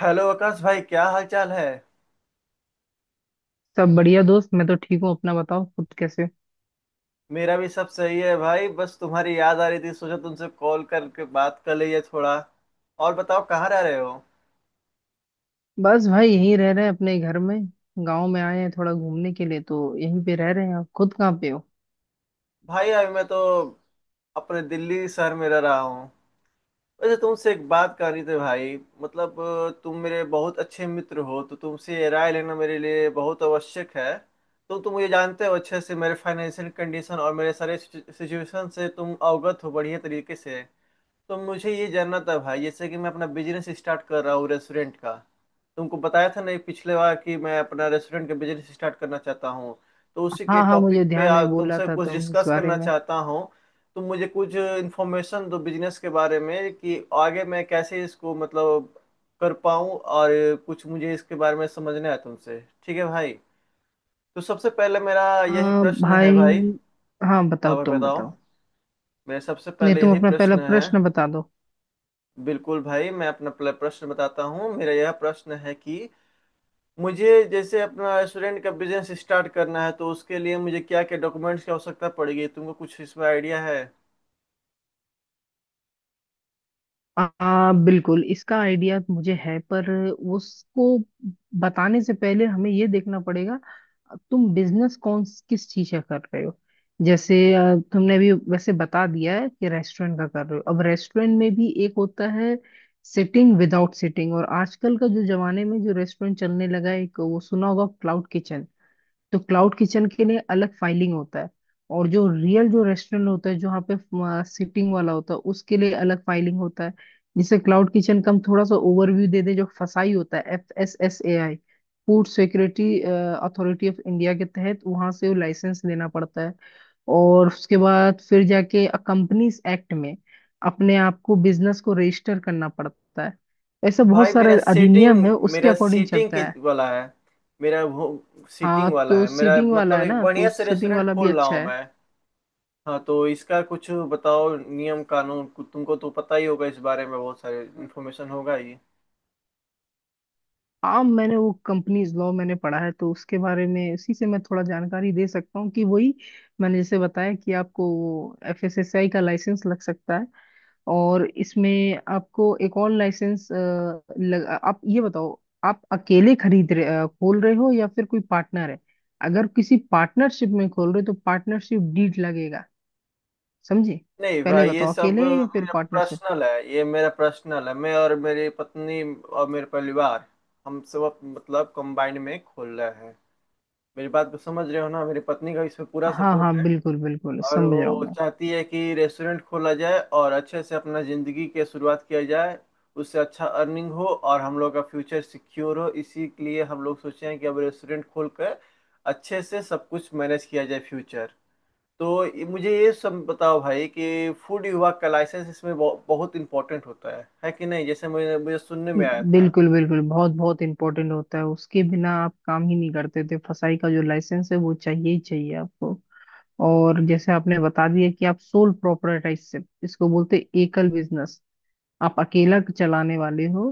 Hello Akash भाई, क्या हाल चाल है। सब बढ़िया दोस्त। मैं तो ठीक हूँ, अपना बताओ, खुद कैसे हो? मेरा भी सब सही है भाई, बस तुम्हारी याद आ रही थी, सोचा तुमसे कॉल करके बात कर लिए थोड़ा। और बताओ कहाँ रह रहे हो। बस भाई, यहीं रह रहे हैं अपने घर में। गांव में आए हैं थोड़ा घूमने के लिए, तो यहीं पे रह रहे हैं। आप खुद कहाँ पे हो? भाई अभी मैं तो अपने दिल्ली शहर में रह रहा हूँ। वैसे तुमसे एक बात करनी थी भाई। मतलब तुम मेरे बहुत अच्छे मित्र हो, तो तुमसे ये राय लेना मेरे लिए बहुत आवश्यक है। तो तुम मुझे जानते हो अच्छे से, मेरे फाइनेंशियल कंडीशन और मेरे सारे सिचुएशन से तुम अवगत हो बढ़िया तरीके से। तो मुझे ये जानना था भाई, जैसे कि मैं अपना बिजनेस स्टार्ट कर रहा हूँ रेस्टोरेंट का। तुमको बताया था नहीं पिछले बार कि मैं अपना रेस्टोरेंट का बिजनेस स्टार्ट करना चाहता हूँ। तो उसी के हाँ हाँ, मुझे टॉपिक पे ध्यान है, बोला तुमसे था कुछ तुम इस डिस्कस बारे करना में। चाहता हूँ। तो मुझे कुछ इन्फॉर्मेशन दो बिजनेस के बारे में कि आगे मैं कैसे इसको मतलब कर पाऊँ, और कुछ मुझे इसके बारे में समझना है तुमसे, ठीक है भाई। तो सबसे पहले मेरा यही प्रश्न है भाई। भाई, हाँ हाँ बताओ, भाई तुम बताओ। बताओ मेरा सबसे नहीं, पहले तुम यही अपना पहला प्रश्न है। प्रश्न बता दो। बिल्कुल भाई, मैं अपना प्रश्न बताता हूँ। मेरा यह प्रश्न है कि मुझे जैसे अपना रेस्टोरेंट का बिजनेस स्टार्ट करना है, तो उसके लिए मुझे क्या क्या डॉक्यूमेंट्स की आवश्यकता पड़ेगी, तुमको कुछ इसमें आइडिया है। बिल्कुल इसका आइडिया मुझे है, पर उसको बताने से पहले हमें ये देखना पड़ेगा तुम बिजनेस कौन किस चीज का कर रहे हो। जैसे तुमने अभी वैसे बता दिया है कि रेस्टोरेंट का कर रहे हो। अब रेस्टोरेंट में भी एक होता है सिटिंग, विदाउट सिटिंग, और आजकल का जो जमाने में जो रेस्टोरेंट चलने लगा है एक, वो सुना होगा, क्लाउड किचन। तो क्लाउड किचन के लिए अलग फाइलिंग होता है, और जो रियल जो रेस्टोरेंट होता है जहाँ पे सीटिंग वाला होता है उसके लिए अलग फाइलिंग होता है। जिसे क्लाउड किचन का हम थोड़ा सा ओवरव्यू दे दें, जो फसाई होता है, FSSAI, food security authority of India, के तहत वहां से वो लाइसेंस लेना पड़ता है। और उसके बाद फिर जाके कंपनीज एक्ट में अपने आप को, बिजनेस को रजिस्टर करना पड़ता है। ऐसा बहुत भाई मेरा सारे सीटिंग, अधिनियम है, उसके मेरा अकॉर्डिंग सीटिंग की चलता है। वाला है, मेरा वो हाँ, सीटिंग वाला तो है मेरा। सीटिंग वाला मतलब है एक ना, बढ़िया तो से सीटिंग रेस्टोरेंट वाला भी खोल रहा अच्छा हूँ है। मैं। हाँ तो इसका कुछ बताओ नियम कानून, तुमको तो पता ही होगा इस बारे में, बहुत सारे इन्फॉर्मेशन होगा ही। हाँ, मैंने वो कंपनीज लॉ मैंने पढ़ा है, तो उसके बारे में उसी से मैं थोड़ा जानकारी दे सकता हूँ कि वही, मैंने जैसे बताया कि आपको वो FSSAI का लाइसेंस लग सकता है। और इसमें आपको एक और लाइसेंस लग, आप ये बताओ आप अकेले खोल रहे हो या फिर कोई पार्टनर है? अगर किसी पार्टनरशिप में खोल रहे हो तो पार्टनरशिप डीड लगेगा, समझे? नहीं पहले भाई ये बताओ सब अकेले या फिर मेरा पार्टनरशिप। पर्सनल है, ये मेरा पर्सनल है। मैं और मेरी पत्नी और मेरे परिवार, हम सब मतलब कंबाइंड में खोल रहे हैं। मेरी बात को समझ रहे हो ना, मेरी पत्नी का इसमें पूरा हाँ हाँ, सपोर्ट है। बिल्कुल बिल्कुल और समझ रहा हूँ वो मैं। चाहती है कि रेस्टोरेंट खोला जाए और अच्छे से अपना जिंदगी की शुरुआत किया जाए। उससे अच्छा अर्निंग हो और हम लोग का फ्यूचर सिक्योर हो, इसी के लिए हम लोग सोचे हैं कि अब रेस्टोरेंट खोल कर अच्छे से सब कुछ मैनेज किया जाए फ्यूचर। तो मुझे ये सब बताओ भाई, कि फूड विभाग का लाइसेंस इसमें बहुत इंपॉर्टेंट होता है कि नहीं, जैसे मुझे मुझे सुनने में आया था। बिल्कुल बिल्कुल, बहुत बहुत इंपॉर्टेंट होता है, उसके बिना आप काम ही नहीं करते थे। फसाई का जो लाइसेंस है वो चाहिए ही चाहिए आपको। और जैसे आपने बता दिया कि आप सोल प्रोप्राइटरशिप, इसको बोलते हैं एकल बिजनेस, आप अकेला चलाने वाले हो।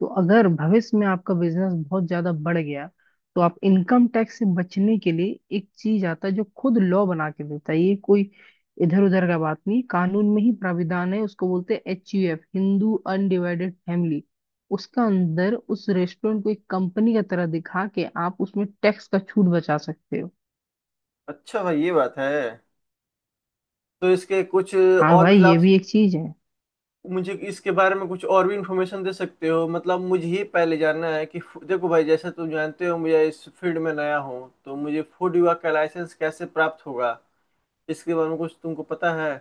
तो अगर भविष्य में आपका बिजनेस बहुत ज्यादा बढ़ गया, तो आप इनकम टैक्स से बचने के लिए, एक चीज आता है जो खुद लॉ बना के देता है, ये कोई इधर उधर का बात नहीं, कानून में ही प्राविधान है, उसको बोलते हैं HUF, हिंदू अनडिवाइडेड फैमिली। उसका अंदर उस रेस्टोरेंट को एक कंपनी का तरह दिखा के आप उसमें टैक्स का छूट बचा सकते हो। अच्छा भाई ये बात है। तो इसके कुछ हाँ और भाई, भी ये लाभ, भी एक चीज है। मुझे इसके बारे में कुछ और भी इंफॉर्मेशन दे सकते हो। मतलब मुझे ही पहले जानना है कि देखो भाई, जैसे तुम जानते हो मुझे, इस फील्ड में नया हूँ, तो मुझे फूड विभाग का लाइसेंस कैसे प्राप्त होगा, इसके बारे में कुछ तुमको पता है।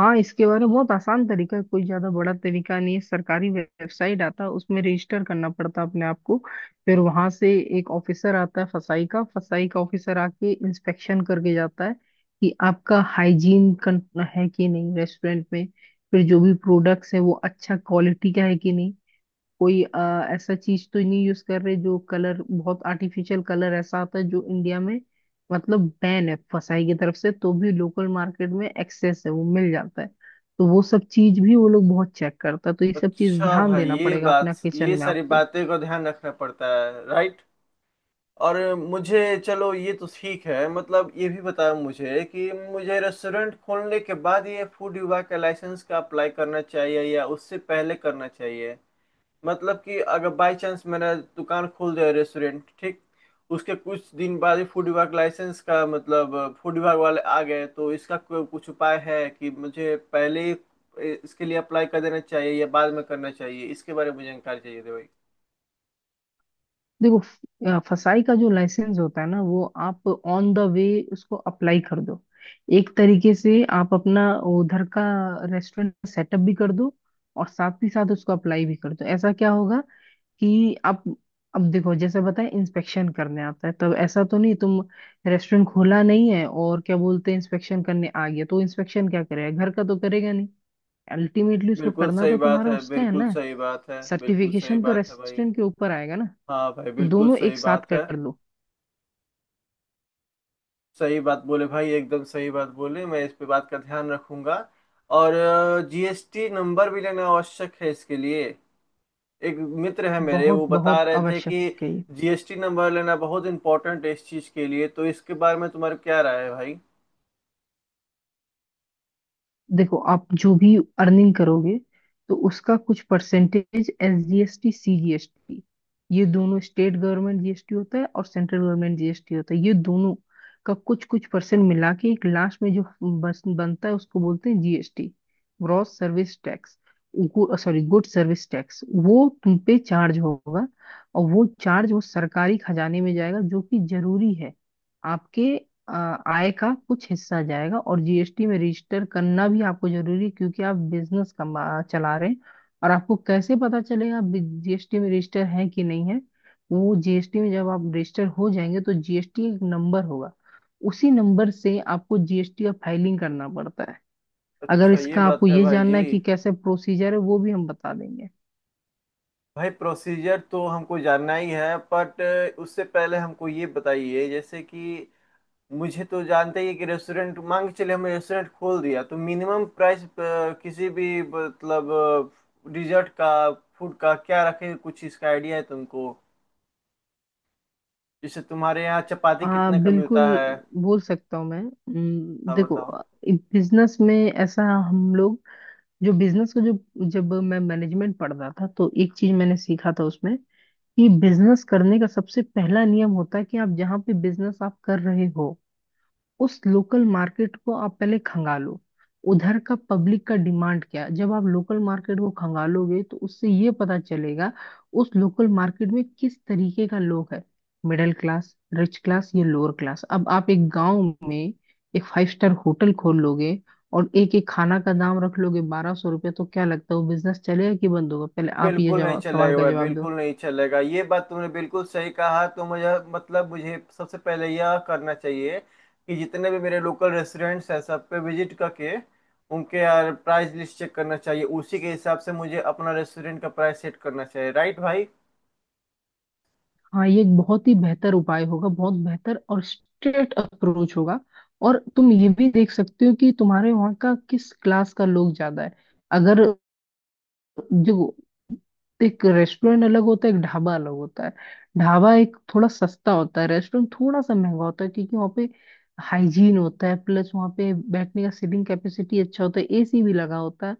हाँ, इसके बारे में बहुत आसान तरीका है, कोई ज्यादा बड़ा तरीका नहीं है। सरकारी वेबसाइट आता है, उसमें रजिस्टर करना पड़ता है अपने आप को। फिर वहां से एक ऑफिसर आता है, फसाई का ऑफिसर आके इंस्पेक्शन करके जाता है कि आपका हाइजीन है कि नहीं रेस्टोरेंट में। फिर जो भी प्रोडक्ट्स है वो अच्छा क्वालिटी का है कि नहीं, कोई ऐसा चीज तो नहीं यूज कर रहे जो कलर, बहुत आर्टिफिशियल कलर ऐसा आता है जो इंडिया में मतलब बैन है फसाई की तरफ से, तो भी लोकल मार्केट में एक्सेस है, वो मिल जाता है। तो वो सब चीज भी वो लोग बहुत चेक करता है, तो ये सब चीज अच्छा ध्यान भाई देना ये पड़ेगा अपना बात, किचन ये में सारी आपको। बातें का ध्यान रखना पड़ता है, राइट। और मुझे, चलो ये तो ठीक है, मतलब ये भी बताओ मुझे कि मुझे रेस्टोरेंट खोलने के बाद ये फूड विभाग का लाइसेंस का अप्लाई करना चाहिए या उससे पहले करना चाहिए। मतलब कि अगर बाय चांस मैंने दुकान खोल दिया रेस्टोरेंट, ठीक, उसके कुछ दिन बाद ही फूड विभाग लाइसेंस का मतलब फूड विभाग वाले आ गए, तो इसका कोई कुछ उपाय है कि मुझे पहले ही इसके लिए अप्लाई कर देना चाहिए या बाद में करना चाहिए, इसके बारे में मुझे जानकारी चाहिए थी भाई। देखो, फसाई का जो लाइसेंस होता है ना, वो आप ऑन द वे उसको अप्लाई कर दो। एक तरीके से आप अपना उधर का रेस्टोरेंट सेटअप भी कर दो और साथ ही साथ उसको अप्लाई भी कर दो। ऐसा क्या होगा कि आप, अब देखो जैसे बताए इंस्पेक्शन करने आता है, तब ऐसा तो नहीं तुम रेस्टोरेंट खोला नहीं है और क्या बोलते हैं इंस्पेक्शन करने आ गया, तो इंस्पेक्शन क्या करेगा, घर का तो करेगा नहीं। अल्टीमेटली उसको बिल्कुल करना सही तो बात तुम्हारा है, उसका है बिल्कुल ना। सही बात है, बिल्कुल सही सर्टिफिकेशन तो बात है भाई। रेस्टोरेंट के ऊपर आएगा ना। तो हाँ भाई बिल्कुल दोनों सही एक साथ बात है। कर लो। सही बात बोले भाई, एकदम सही बात बोले, मैं इस पे बात का ध्यान रखूंगा। और जीएसटी नंबर भी लेना आवश्यक है इसके लिए। एक मित्र है मेरे, बहुत वो बता बहुत रहे थे कि आवश्यक है। जीएसटी नंबर लेना बहुत इंपॉर्टेंट है इस चीज के लिए। तो इसके बारे में तुम्हारी क्या राय है भाई। देखो, आप जो भी अर्निंग करोगे तो उसका कुछ परसेंटेज SGST, CGST, ये दोनों, स्टेट गवर्नमेंट GST होता है और सेंट्रल गवर्नमेंट जीएसटी होता है, ये दोनों का कुछ कुछ परसेंट मिला के एक लास्ट में जो बस बनता है, उसको बोलते हैं GST, gross service tax, sorry good service tax. वो तुम पे चार्ज होगा, और वो चार्ज वो सरकारी खजाने में जाएगा, जो कि जरूरी है। आपके आ, आय का कुछ हिस्सा जाएगा। और जीएसटी में रजिस्टर करना भी आपको जरूरी है, क्योंकि आप बिजनेस कमा चला रहे हैं। और आपको कैसे पता चलेगा जीएसटी में रजिस्टर है कि नहीं है, वो जीएसटी में जब आप रजिस्टर हो जाएंगे तो जीएसटी एक नंबर होगा, उसी नंबर से आपको जीएसटी का फाइलिंग करना पड़ता है। अगर अच्छा ये इसका आपको बात है ये भाई जी। जानना है कि कैसे प्रोसीजर है, वो भी हम बता देंगे। भाई प्रोसीजर तो हमको जानना ही है, बट उससे पहले हमको ये बताइए, जैसे कि मुझे तो जानते ही है कि रेस्टोरेंट मांग के चले, हमने रेस्टोरेंट खोल दिया, तो मिनिमम प्राइस किसी भी मतलब डिजर्ट का, फूड का क्या रखे, कुछ इसका आइडिया है तुमको। जैसे तुम्हारे यहाँ चपाती कितने का बिल्कुल मिलता है। बोल सकता हूँ मैं। हाँ देखो, बताओ। बिजनेस में ऐसा, हम लोग जो बिजनेस का जो जब मैं मैनेजमेंट पढ़ रहा था तो एक चीज मैंने सीखा था उसमें, कि बिजनेस करने का सबसे पहला नियम होता है कि आप जहाँ पे बिजनेस आप कर रहे हो, उस लोकल मार्केट को आप पहले खंगालो। उधर का पब्लिक का डिमांड क्या है, जब आप लोकल मार्केट को खंगालोगे तो उससे ये पता चलेगा उस लोकल मार्केट में किस तरीके का लोग है, मिडिल क्लास, रिच क्लास, या लोअर क्लास। अब आप एक गांव में एक 5 स्टार होटल खोल लोगे और एक एक खाना का दाम रख लोगे 1200 रुपये, तो क्या लगता है वो बिजनेस चलेगा कि बंद होगा? पहले आप ये बिल्कुल नहीं जवाब सवाल का चलेगा, जवाब दो। बिल्कुल नहीं चलेगा, ये बात तुमने बिल्कुल सही कहा। तो मुझे मतलब मुझे सबसे पहले यह करना चाहिए कि जितने भी मेरे लोकल रेस्टोरेंट्स हैं सब पे विजिट करके उनके यार प्राइस लिस्ट चेक करना चाहिए, उसी के हिसाब से मुझे अपना रेस्टोरेंट का प्राइस सेट करना चाहिए, राइट भाई। हाँ, ये एक बहुत ही बेहतर उपाय होगा, बहुत बेहतर और स्ट्रेट अप्रोच होगा। और तुम ये भी देख सकते हो कि तुम्हारे वहाँ का किस क्लास का लोग ज्यादा है। अगर जो एक रेस्टोरेंट अलग होता है, एक ढाबा अलग होता है। ढाबा एक थोड़ा सस्ता होता है, रेस्टोरेंट थोड़ा सा महंगा होता है, क्योंकि वहाँ पे हाइजीन होता है, प्लस वहाँ पे बैठने का सीटिंग कैपेसिटी अच्छा होता है, एसी भी लगा होता है,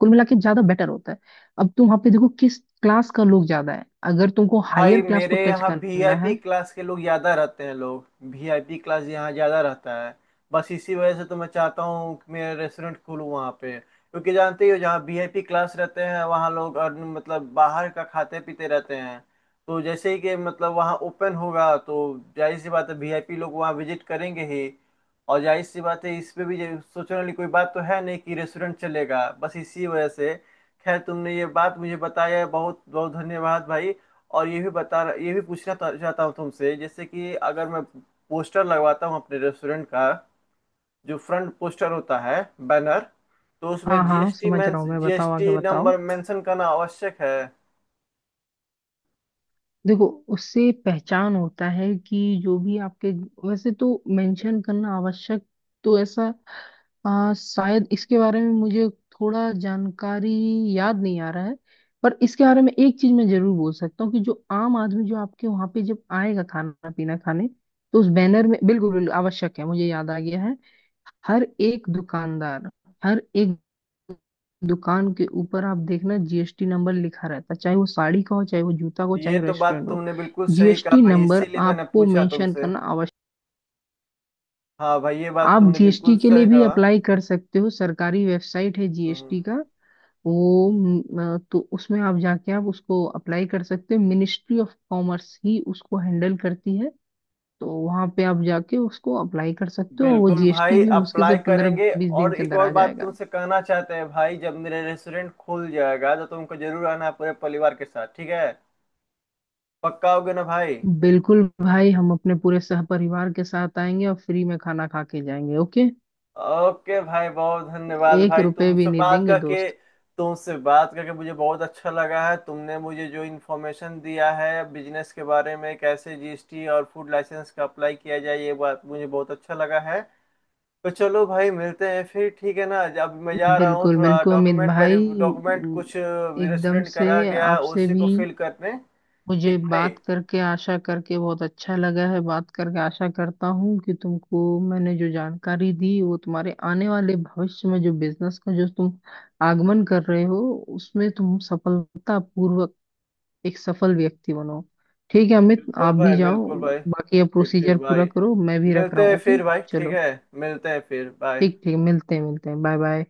कुल मिला के ज्यादा बेटर होता है। अब तुम वहाँ पे देखो किस क्लास का लोग ज्यादा है, अगर तुमको हायर भाई क्लास को मेरे टच यहाँ करना वीआईपी है। क्लास के लोग ज्यादा रहते हैं, लोग वीआईपी क्लास यहाँ ज्यादा रहता है। बस इसी वजह से तो मैं चाहता हूँ कि मेरा रेस्टोरेंट खुलूँ वहाँ पे, क्योंकि जानते ही हो जहाँ वीआईपी क्लास रहते हैं वहाँ लोग और मतलब बाहर का खाते पीते रहते हैं। तो जैसे ही कि मतलब वहाँ ओपन होगा, तो जाहिर सी बात है वीआईपी लोग वहाँ विजिट करेंगे ही। और जाहिर सी बात है इस पे भी ये सोचने वाली कोई बात तो है नहीं कि रेस्टोरेंट चलेगा, बस इसी वजह से। खैर तुमने ये बात मुझे बताया है, बहुत बहुत धन्यवाद भाई। और ये भी बता, ये भी पूछना चाहता हूँ तुमसे, जैसे कि अगर मैं पोस्टर लगवाता हूँ अपने रेस्टोरेंट का, जो फ्रंट पोस्टर होता है, बैनर, तो हाँ उसमें हाँ, जीएसटी, समझ मैं रहा हूँ मैं, बताओ आगे जीएसटी बताओ। नंबर मेंशन करना आवश्यक है। देखो, उससे पहचान होता है कि जो भी आपके, वैसे तो मेंशन करना आवश्यक, तो ऐसा, शायद इसके बारे में मुझे थोड़ा जानकारी याद नहीं आ रहा है। पर इसके बारे में एक चीज मैं जरूर बोल सकता हूँ कि जो आम आदमी जो आपके वहां पे जब आएगा खाना पीना खाने, तो उस बैनर में बिल्कुल बिल्कुल आवश्यक है, मुझे याद आ गया है। हर एक दुकानदार, हर एक दुकान के ऊपर आप देखना जीएसटी नंबर लिखा रहता है, चाहे वो साड़ी का हो, चाहे वो जूता का हो, ये चाहे तो बात रेस्टोरेंट हो। तुमने बिल्कुल सही कहा जीएसटी भाई, नंबर इसीलिए मैंने आपको पूछा मेंशन तुमसे। करना आवश्यक। हाँ भाई ये बात आप तुमने जीएसटी बिल्कुल के लिए सही भी कहा। अप्लाई कर सकते हो, सरकारी वेबसाइट है हम्म। जीएसटी का। तो उसमें आप जाके आप उसको अप्लाई कर सकते हो, मिनिस्ट्री ऑफ कॉमर्स ही उसको हैंडल करती है। तो वहां पे आप जाके उसको अप्लाई कर सकते हो, और वो बिल्कुल जीएसटी भाई भी मुश्किल से अप्लाई पंद्रह करेंगे। बीस दिन और के एक अंदर और आ बात जाएगा। तुमसे कहना चाहते हैं भाई, जब मेरा रेस्टोरेंट खुल जाएगा तो तुमको जरूर आना है पूरे परिवार के साथ, ठीक है। पक्का होगे ना भाई। बिल्कुल भाई, हम अपने पूरे सहपरिवार के साथ आएंगे और फ्री में खाना खा के जाएंगे, ओके। ओके भाई, बहुत धन्यवाद एक भाई रुपए भी तुमसे नहीं बात देंगे करके। दोस्त। तुमसे बात करके मुझे बहुत अच्छा लगा है, तुमने मुझे जो इन्फॉर्मेशन दिया है बिजनेस के बारे में, कैसे जीएसटी और फूड लाइसेंस का अप्लाई किया जाए, ये बात मुझे बहुत अच्छा लगा है। तो चलो भाई मिलते हैं फिर, ठीक है ना, अब मैं जा रहा हूँ बिल्कुल थोड़ा बिल्कुल अमित डॉक्यूमेंट, वेरी भाई, डॉक्यूमेंट कुछ एकदम रेस्टोरेंट से करा गया है आपसे उसी भी, को फिल करने। मुझे ठीक बात भाई, करके आशा करके बहुत अच्छा लगा है, बात करके आशा करता हूँ कि तुमको, मैंने जो जानकारी दी, वो तुम्हारे आने वाले भविष्य में जो बिजनेस का जो तुम आगमन कर रहे हो, उसमें तुम सफलता पूर्वक एक सफल व्यक्ति बनो। ठीक है अमित, बिल्कुल आप भी भाई, जाओ। बिल्कुल भाई, बाकी अब ठीक ठीक प्रोसीजर पूरा भाई। करो, मैं भी रख रहा मिलते हूँ, हैं ओके। फिर भाई, ठीक चलो है। मिलते हैं फिर, बाय। ठीक ठीक, मिलते हैं, मिलते हैं, बाय बाय।